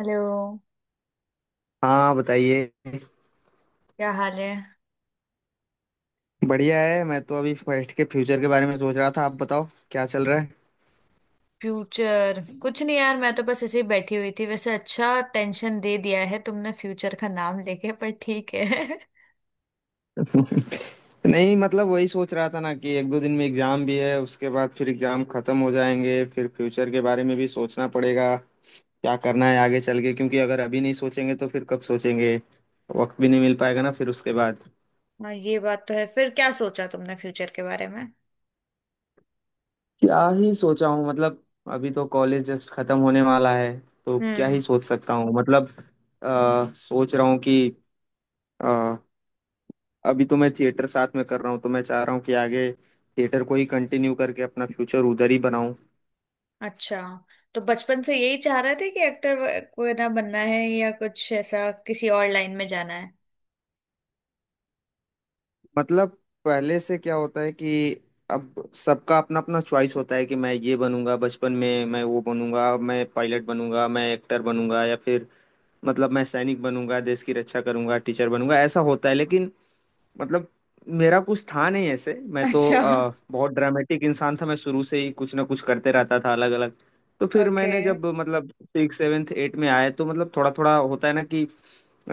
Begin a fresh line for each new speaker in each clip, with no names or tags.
Hello.
हाँ, बताइए।
क्या हाल है?
बढ़िया है। मैं तो अभी फर्स्ट के फ्यूचर के बारे में सोच रहा था। आप बताओ क्या चल रहा है।
फ्यूचर कुछ नहीं यार, मैं तो बस ऐसे ही बैठी हुई थी। वैसे अच्छा टेंशन दे दिया है तुमने फ्यूचर का नाम लेके, पर ठीक है।
नहीं, मतलब वही सोच रहा था ना कि एक दो दिन में एग्जाम भी है, उसके बाद फिर एग्जाम खत्म हो जाएंगे, फिर फ्यूचर के बारे में भी सोचना पड़ेगा, क्या करना है आगे चल के। क्योंकि अगर अभी नहीं सोचेंगे तो फिर कब सोचेंगे। वक्त भी नहीं मिल पाएगा ना फिर उसके बाद।
हाँ ये बात तो है। फिर क्या सोचा तुमने फ्यूचर के बारे में?
क्या ही सोचा हूँ मतलब। अभी तो कॉलेज जस्ट खत्म होने वाला है, तो क्या ही
हम्म,
सोच सकता हूँ मतलब। सोच रहा हूँ कि अभी तो मैं थिएटर साथ में कर रहा हूँ, तो मैं चाह रहा हूँ कि आगे थिएटर को ही कंटिन्यू करके अपना फ्यूचर उधर ही बनाऊं।
अच्छा। तो बचपन से यही चाह रहे थे कि एक्टर वगैरह बनना है, या कुछ ऐसा किसी और लाइन में जाना है?
मतलब, पहले से क्या होता है कि अब सबका अपना अपना चॉइस होता है कि मैं ये बनूंगा, बचपन में मैं वो बनूंगा, मैं पायलट बनूंगा, मैं एक्टर बनूंगा, या फिर मतलब मैं सैनिक बनूंगा, देश की रक्षा करूंगा, टीचर बनूंगा, ऐसा होता है। लेकिन मतलब मेरा कुछ था नहीं ऐसे। मैं तो
अच्छा।
बहुत ड्रामेटिक इंसान था, मैं शुरू से ही कुछ ना कुछ करते रहता था अलग अलग। तो फिर
ओके।
मैंने जब मतलब सिक्स सेवेंथ एट में आया, तो मतलब थोड़ा थोड़ा होता है ना कि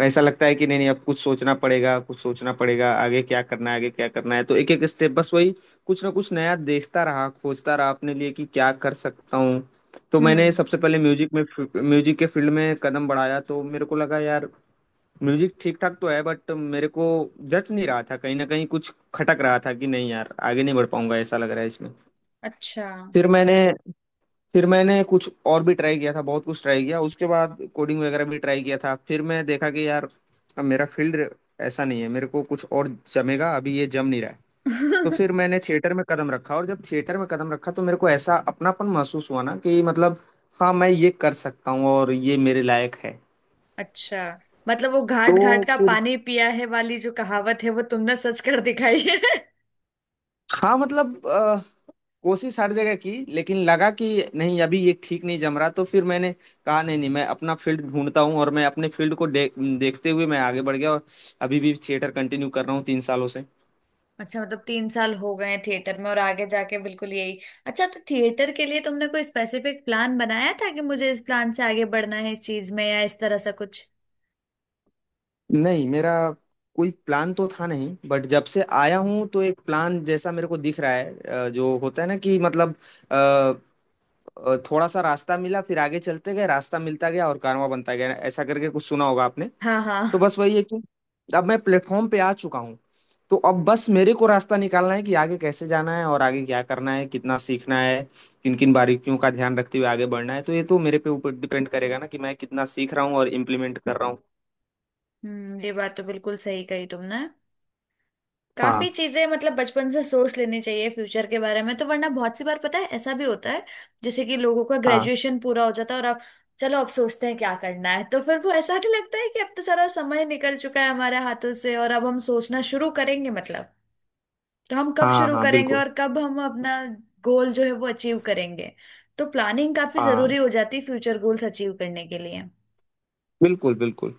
ऐसा लगता है कि नहीं नहीं, अब कुछ सोचना पड़ेगा कुछ सोचना पड़ेगा, आगे क्या करना है आगे क्या करना है। तो एक एक स्टेप बस वही कुछ ना कुछ नया देखता रहा, खोजता रहा अपने लिए कि क्या कर सकता हूँ। तो मैंने
हम्म।
सबसे पहले म्यूजिक के फील्ड में कदम बढ़ाया, तो मेरे को लगा यार म्यूजिक ठीक ठाक तो है, बट मेरे को जच नहीं रहा था। कहीं ना कहीं कुछ खटक रहा था कि नहीं यार आगे नहीं बढ़ पाऊंगा ऐसा लग रहा है इसमें।
अच्छा।
फिर मैंने फिर मैंने कुछ और भी ट्राई किया था, बहुत कुछ ट्राई किया, उसके बाद कोडिंग वगैरह भी ट्राई किया था। फिर मैं देखा कि यार अब मेरा फील्ड ऐसा नहीं है, मेरे को कुछ और जमेगा, अभी ये जम नहीं रहा है। तो फिर मैंने थिएटर में कदम रखा, और जब थिएटर में कदम रखा तो मेरे को ऐसा अपनापन महसूस हुआ ना कि मतलब हाँ, मैं ये कर सकता हूँ और ये मेरे लायक है।
अच्छा, मतलब वो घाट
तो
घाट का
फिर
पानी पिया है वाली जो कहावत है वो तुमने सच कर दिखाई है।
हाँ, मतलब कोशिश हर जगह की, लेकिन लगा कि नहीं अभी ये ठीक नहीं जम रहा। तो फिर मैंने कहा नहीं नहीं, मैं अपना फील्ड ढूंढता हूँ और मैं अपने फील्ड को देखते हुए मैं आगे बढ़ गया, और अभी भी थिएटर कंटिन्यू कर रहा हूँ 3 सालों से।
अच्छा, मतलब तीन साल हो गए हैं थिएटर में और आगे जाके बिल्कुल यही। अच्छा, तो थिएटर के लिए तुमने कोई स्पेसिफिक प्लान बनाया था कि मुझे इस प्लान से आगे बढ़ना है इस चीज में, या इस तरह सा कुछ?
नहीं मेरा कोई प्लान तो था नहीं, बट जब से आया हूँ तो एक प्लान जैसा मेरे को दिख रहा है। जो होता है ना कि मतलब अ, थोड़ा सा रास्ता मिला, फिर आगे चलते गए, रास्ता मिलता गया और कारवां बनता गया, ऐसा करके कुछ सुना होगा आपने।
हाँ हाँ।
तो बस वही है कि अब मैं प्लेटफॉर्म पे आ चुका हूँ। तो अब बस मेरे को रास्ता निकालना है कि आगे कैसे जाना है और आगे क्या करना है, कितना सीखना है, किन किन बारीकियों का ध्यान रखते हुए आगे बढ़ना है। तो ये तो मेरे पे ऊपर डिपेंड करेगा ना कि मैं कितना सीख रहा हूँ और इम्प्लीमेंट कर रहा हूँ।
हम्म, ये बात तो बिल्कुल सही कही तुमने।
हाँ
काफी चीजें मतलब बचपन से सोच लेनी चाहिए फ्यूचर के बारे में, तो वरना बहुत सी बार पता है ऐसा भी होता है जैसे कि लोगों का
हाँ।
ग्रेजुएशन पूरा हो जाता है और अब चलो अब सोचते हैं क्या करना है, तो फिर वो ऐसा नहीं लगता है कि अब तो सारा समय निकल चुका है हमारे हाथों से और अब हम सोचना शुरू करेंगे। मतलब तो हम कब
हाँ
शुरू
हाँ,
करेंगे
बिल्कुल।
और कब हम अपना गोल जो है वो अचीव करेंगे? तो प्लानिंग काफी जरूरी
हाँ,
हो जाती है फ्यूचर गोल्स अचीव करने के लिए।
बिल्कुल बिल्कुल।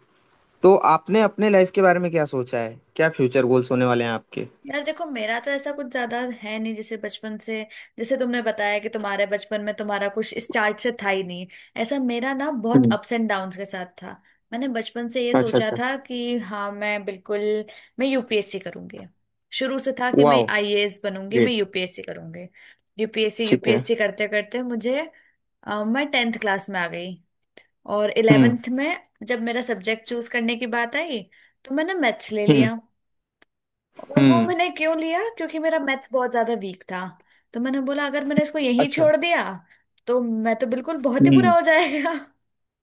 तो आपने अपने लाइफ के बारे में क्या सोचा है, क्या फ्यूचर गोल्स होने वाले हैं आपके।
यार देखो, मेरा तो ऐसा कुछ ज्यादा है नहीं, जैसे बचपन से, जैसे तुमने बताया कि तुम्हारे बचपन में तुम्हारा कुछ स्टार्ट से था ही नहीं, ऐसा मेरा ना बहुत
हम्म।
अप्स एंड डाउन्स के साथ था। मैंने बचपन से ये
अच्छा,
सोचा
अच्छा।
था कि हाँ, मैं बिल्कुल मैं यूपीएससी करूंगी। शुरू से था कि मैं
वाओ,
आईएएस बनूंगी, मैं
ग्रेट।
यूपीएससी करूंगी। यूपीएससी
ठीक है।
यूपीएससी करते करते मुझे मैं टेंथ क्लास में आ गई। और
हम्म।
इलेवेंथ में जब मेरा सब्जेक्ट चूज करने की बात आई तो मैंने मैथ्स ले
हम्म।
लिया। और वो
हम्म।
मैंने क्यों लिया, क्योंकि मेरा मैथ्स बहुत ज्यादा वीक था। तो मैंने बोला, अगर मैंने इसको यहीं
अच्छा।
छोड़ दिया तो मैं तो बिल्कुल बहुत ही बुरा
हम्म।
हो जाएगा।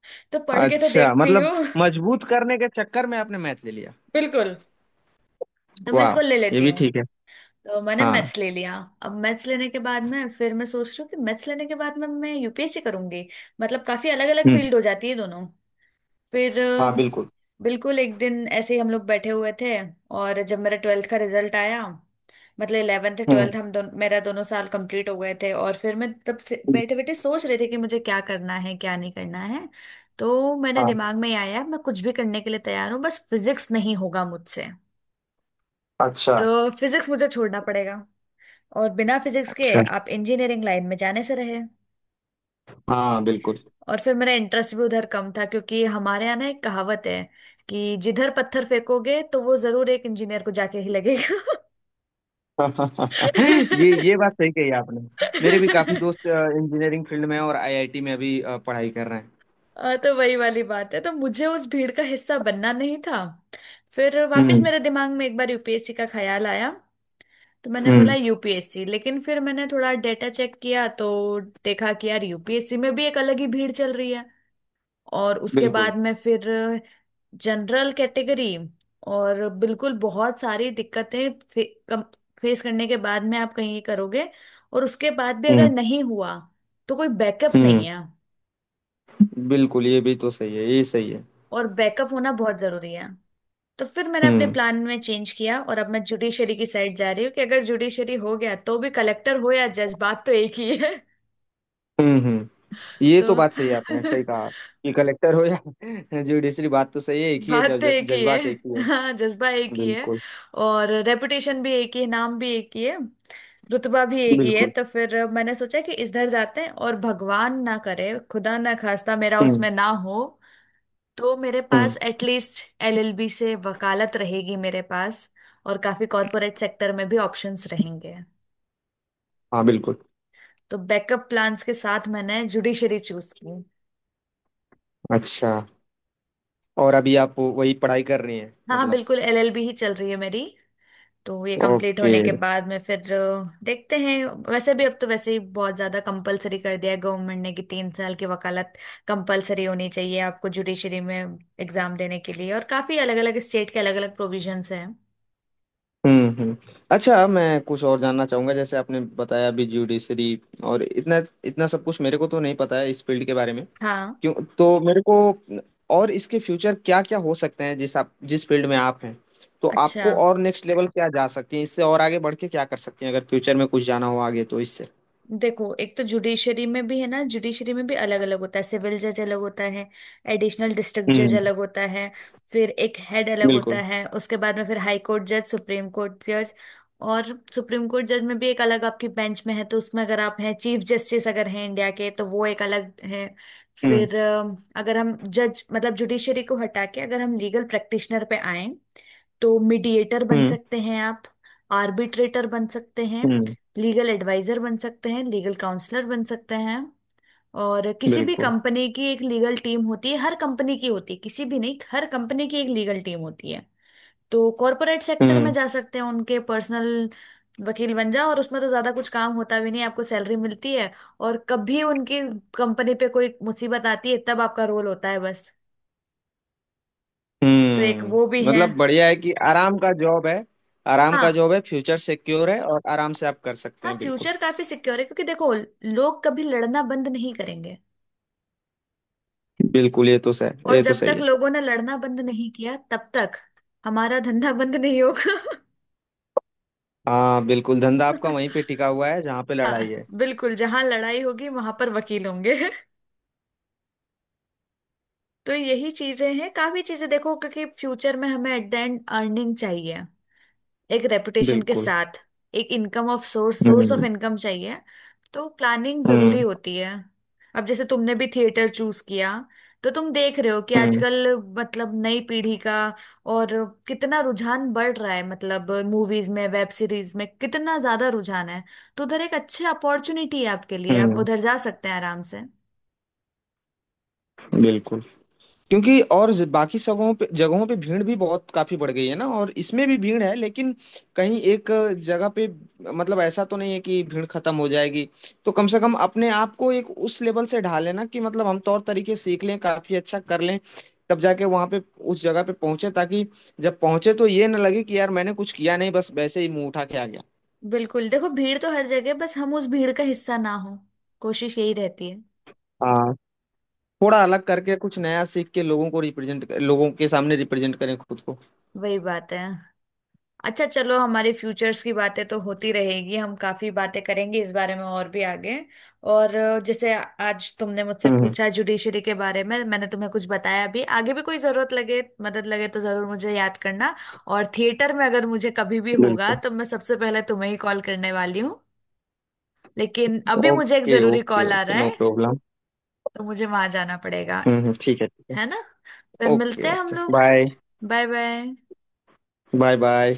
तो पढ़ के तो
अच्छा,
देखती
मतलब
हूँ।
मजबूत करने के चक्कर में आपने मैच ले लिया।
बिल्कुल, तो मैं
वाह,
इसको ले
ये
लेती
भी
हूँ।
ठीक है।
तो मैंने
हाँ।
मैथ्स ले लिया। अब मैथ्स लेने के बाद में फिर मैं सोच रही हूँ कि मैथ्स लेने के बाद में मैं यूपीएससी करूंगी, मतलब काफी अलग अलग
हम्म।
फील्ड हो जाती है दोनों। फिर
हाँ, बिल्कुल।
बिल्कुल एक दिन ऐसे ही हम लोग बैठे हुए थे और जब मेरा ट्वेल्थ का रिजल्ट आया, मतलब इलेवेंथ
हम्म।
ट्वेल्थ हम दोनों मेरा दोनों साल कंप्लीट हो गए थे और फिर मैं तब से बैठे बैठे सोच रहे थे कि मुझे क्या करना है क्या नहीं करना है। तो मैंने
हाँ।
दिमाग में आया, मैं कुछ भी करने के लिए तैयार हूँ बस फिजिक्स नहीं होगा मुझसे।
अच्छा,
तो फिजिक्स मुझे छोड़ना पड़ेगा। और बिना फिजिक्स के
अच्छा।
आप इंजीनियरिंग लाइन में जाने से रहे।
हाँ, बिल्कुल।
और फिर मेरा इंटरेस्ट भी उधर कम था, क्योंकि हमारे यहाँ ना एक कहावत है कि जिधर पत्थर फेंकोगे तो वो जरूर एक इंजीनियर को जाके ही लगेगा।
ये बात सही कही आपने। मेरे भी काफी दोस्त इंजीनियरिंग फील्ड में हैं और आईआईटी में अभी पढ़ाई कर रहे हैं।
तो वही वाली बात है, तो मुझे उस भीड़ का हिस्सा बनना नहीं था। फिर वापस
हम्म
मेरे दिमाग में एक बार यूपीएससी का ख्याल आया। तो मैंने बोला
हम्म,
यूपीएससी, लेकिन फिर मैंने थोड़ा डेटा चेक किया तो देखा कि यार यूपीएससी में भी एक अलग ही भीड़ चल रही है। और उसके
बिल्कुल।
बाद में फिर जनरल कैटेगरी और बिल्कुल बहुत सारी दिक्कतें फेस करने के बाद में आप कहीं ये करोगे और उसके बाद भी अगर
हम्म
नहीं हुआ तो कोई बैकअप नहीं
हम्म,
है।
बिल्कुल। ये भी तो सही है, ये सही है।
और बैकअप होना बहुत जरूरी है। तो फिर मैंने अपने
हम्म
प्लान में चेंज किया और अब मैं जुडिशरी की साइड जा रही हूँ कि अगर जुडिशरी हो गया तो भी, कलेक्टर हो या जज बात तो एक ही है।
हम्म। हम्म। ये तो
तो
बात सही है, आपने सही कहा कि कलेक्टर हो या जुडिशरी, बात तो सही है एक ही है,
बात तो एक ही है।
जज्बात एक ही है।
हाँ, जज्बा एक ही है।
बिल्कुल
और रेपुटेशन भी एक ही है, नाम भी एक ही है, रुतबा भी एक ही है।
बिल्कुल।
तो फिर मैंने सोचा कि इधर जाते हैं, और भगवान ना करे खुदा ना खास्ता मेरा
हम्म
उसमें ना हो तो मेरे
हम्म।
पास एटलीस्ट एलएलबी से वकालत रहेगी मेरे पास। और काफी कॉरपोरेट सेक्टर में भी ऑप्शंस रहेंगे।
हाँ, बिल्कुल।
तो बैकअप प्लान्स के साथ मैंने जुडिशरी चूज की।
अच्छा, और अभी आप वही पढ़ाई कर रही हैं
हाँ
मतलब।
बिल्कुल, एलएलबी ही चल रही है मेरी। तो ये कंप्लीट
ओके।
होने के बाद में फिर देखते हैं। वैसे भी अब तो वैसे ही बहुत ज्यादा कंपलसरी कर दिया है गवर्नमेंट ने कि तीन साल की वकालत कंपलसरी होनी चाहिए आपको जुडिशरी में एग्जाम देने के लिए। और काफी अलग अलग स्टेट के अलग अलग प्रोविजंस हैं।
हम्म। अच्छा, मैं कुछ और जानना चाहूंगा। जैसे आपने बताया अभी ज्यूडिशरी, और इतना इतना सब कुछ मेरे को तो नहीं पता है इस फील्ड के बारे में।
हाँ।
क्यों तो मेरे को, और इसके फ्यूचर क्या क्या हो सकते हैं जिस आप जिस फील्ड में आप हैं, तो
अच्छा,
आपको और नेक्स्ट लेवल क्या जा सकती है इससे, और आगे बढ़ के क्या कर सकती हैं अगर फ्यूचर में कुछ जाना हो आगे तो इससे।
देखो एक तो जुडिशरी में भी है ना, जुडिशरी में भी अलग अलग होता है। सिविल जज अलग होता है, एडिशनल डिस्ट्रिक्ट जज
हम्म,
अलग होता है। फिर एक हेड अलग होता
बिल्कुल।
है, उसके बाद में फिर हाई कोर्ट जज, सुप्रीम कोर्ट जज। और सुप्रीम कोर्ट जज में भी एक अलग आपकी बेंच में है, तो उसमें अगर आप हैं चीफ जस्टिस अगर हैं इंडिया के तो वो एक अलग है।
हम्म
फिर अगर हम जज मतलब जुडिशरी को हटा के अगर हम लीगल प्रैक्टिशनर पे आए तो मीडिएटर बन
हम्म।
सकते हैं आप, आर्बिट्रेटर बन सकते हैं,
हम्म,
लीगल एडवाइजर बन सकते हैं, लीगल काउंसलर बन सकते हैं। और किसी भी
बिल्कुल।
कंपनी की एक लीगल टीम होती है, हर कंपनी की होती है, किसी भी नहीं हर कंपनी की एक लीगल टीम होती है। तो कॉरपोरेट सेक्टर में
हम्म
जा सकते हैं उनके पर्सनल वकील बन जाओ, और उसमें तो ज्यादा कुछ काम होता भी नहीं, आपको सैलरी मिलती है और कभी उनकी कंपनी पे कोई मुसीबत आती है तब आपका रोल होता है, बस। तो एक वो भी
हम्म,
है।
मतलब बढ़िया है कि आराम का जॉब है। आराम का
हाँ।
जॉब है, फ्यूचर सिक्योर है और आराम से आप कर सकते
हाँ,
हैं, बिल्कुल।
फ्यूचर काफी सिक्योर है, क्योंकि देखो लोग कभी लड़ना बंद नहीं करेंगे।
बिल्कुल, ये तो सही,
और
ये तो
जब
सही
तक
है।
लोगों ने लड़ना बंद नहीं किया तब तक हमारा धंधा बंद नहीं होगा।
हाँ बिल्कुल, धंधा आपका वहीं पे टिका हुआ है जहाँ पे
हाँ,
लड़ाई है।
बिल्कुल जहां लड़ाई होगी वहां पर वकील होंगे। तो यही चीजें हैं, काफी चीजें देखो, क्योंकि फ्यूचर में हमें एट द एंड अर्निंग चाहिए एक रेपुटेशन के
बिल्कुल।
साथ, एक income of source source of
hmm
income चाहिए। तो प्लानिंग
हम्म।
जरूरी होती है। अब जैसे तुमने भी थिएटर चूज किया, तो तुम देख रहे हो कि
हम्म
आजकल मतलब नई पीढ़ी का और कितना रुझान बढ़ रहा है, मतलब मूवीज में वेब सीरीज में कितना ज्यादा रुझान है। तो उधर एक अच्छी अपॉर्चुनिटी है आपके लिए, आप
हम्म,
उधर जा सकते हैं आराम से।
बिल्कुल। क्योंकि और बाकी जगहों पे भीड़ भी बहुत काफी बढ़ गई है ना, और इसमें भी भीड़ है लेकिन कहीं एक जगह पे, मतलब ऐसा तो नहीं है कि भीड़ खत्म हो जाएगी। तो कम से कम अपने आप को एक उस लेवल से ढाल लेना कि मतलब हम तौर तरीके सीख लें, काफी अच्छा कर लें, तब जाके वहां पे उस जगह पे पहुंचे, ताकि जब पहुंचे तो ये ना लगे कि यार मैंने कुछ किया नहीं बस वैसे ही मुंह उठा के आ गया।
बिल्कुल, देखो भीड़ तो हर जगह, बस हम उस भीड़ का हिस्सा ना हो, कोशिश यही रहती है।
हाँ, थोड़ा अलग करके कुछ नया सीख के लोगों के सामने रिप्रेजेंट करें खुद को।
वही बात है। अच्छा चलो, हमारे फ्यूचर्स की बातें तो होती रहेगी, हम काफी बातें करेंगे इस बारे में और भी आगे। और जैसे आज तुमने मुझसे
हम्म हम्म,
पूछा जुडिशरी के बारे में, मैंने तुम्हें कुछ बताया भी, आगे भी कोई जरूरत लगे मदद लगे तो जरूर मुझे याद करना। और थिएटर में अगर मुझे कभी भी होगा
बिल्कुल।
तो मैं सबसे पहले तुम्हें ही कॉल करने वाली हूँ। लेकिन अभी मुझे एक
ओके,
जरूरी
ओके,
कॉल आ
ओके,
रहा
नो
है,
प्रॉब्लम।
तो मुझे वहां जाना पड़ेगा,
ठीक है ठीक
है ना। फिर
है। ओके,
मिलते हैं हम
ओके,
लोग।
Bye.
Bye bye.
Bye bye.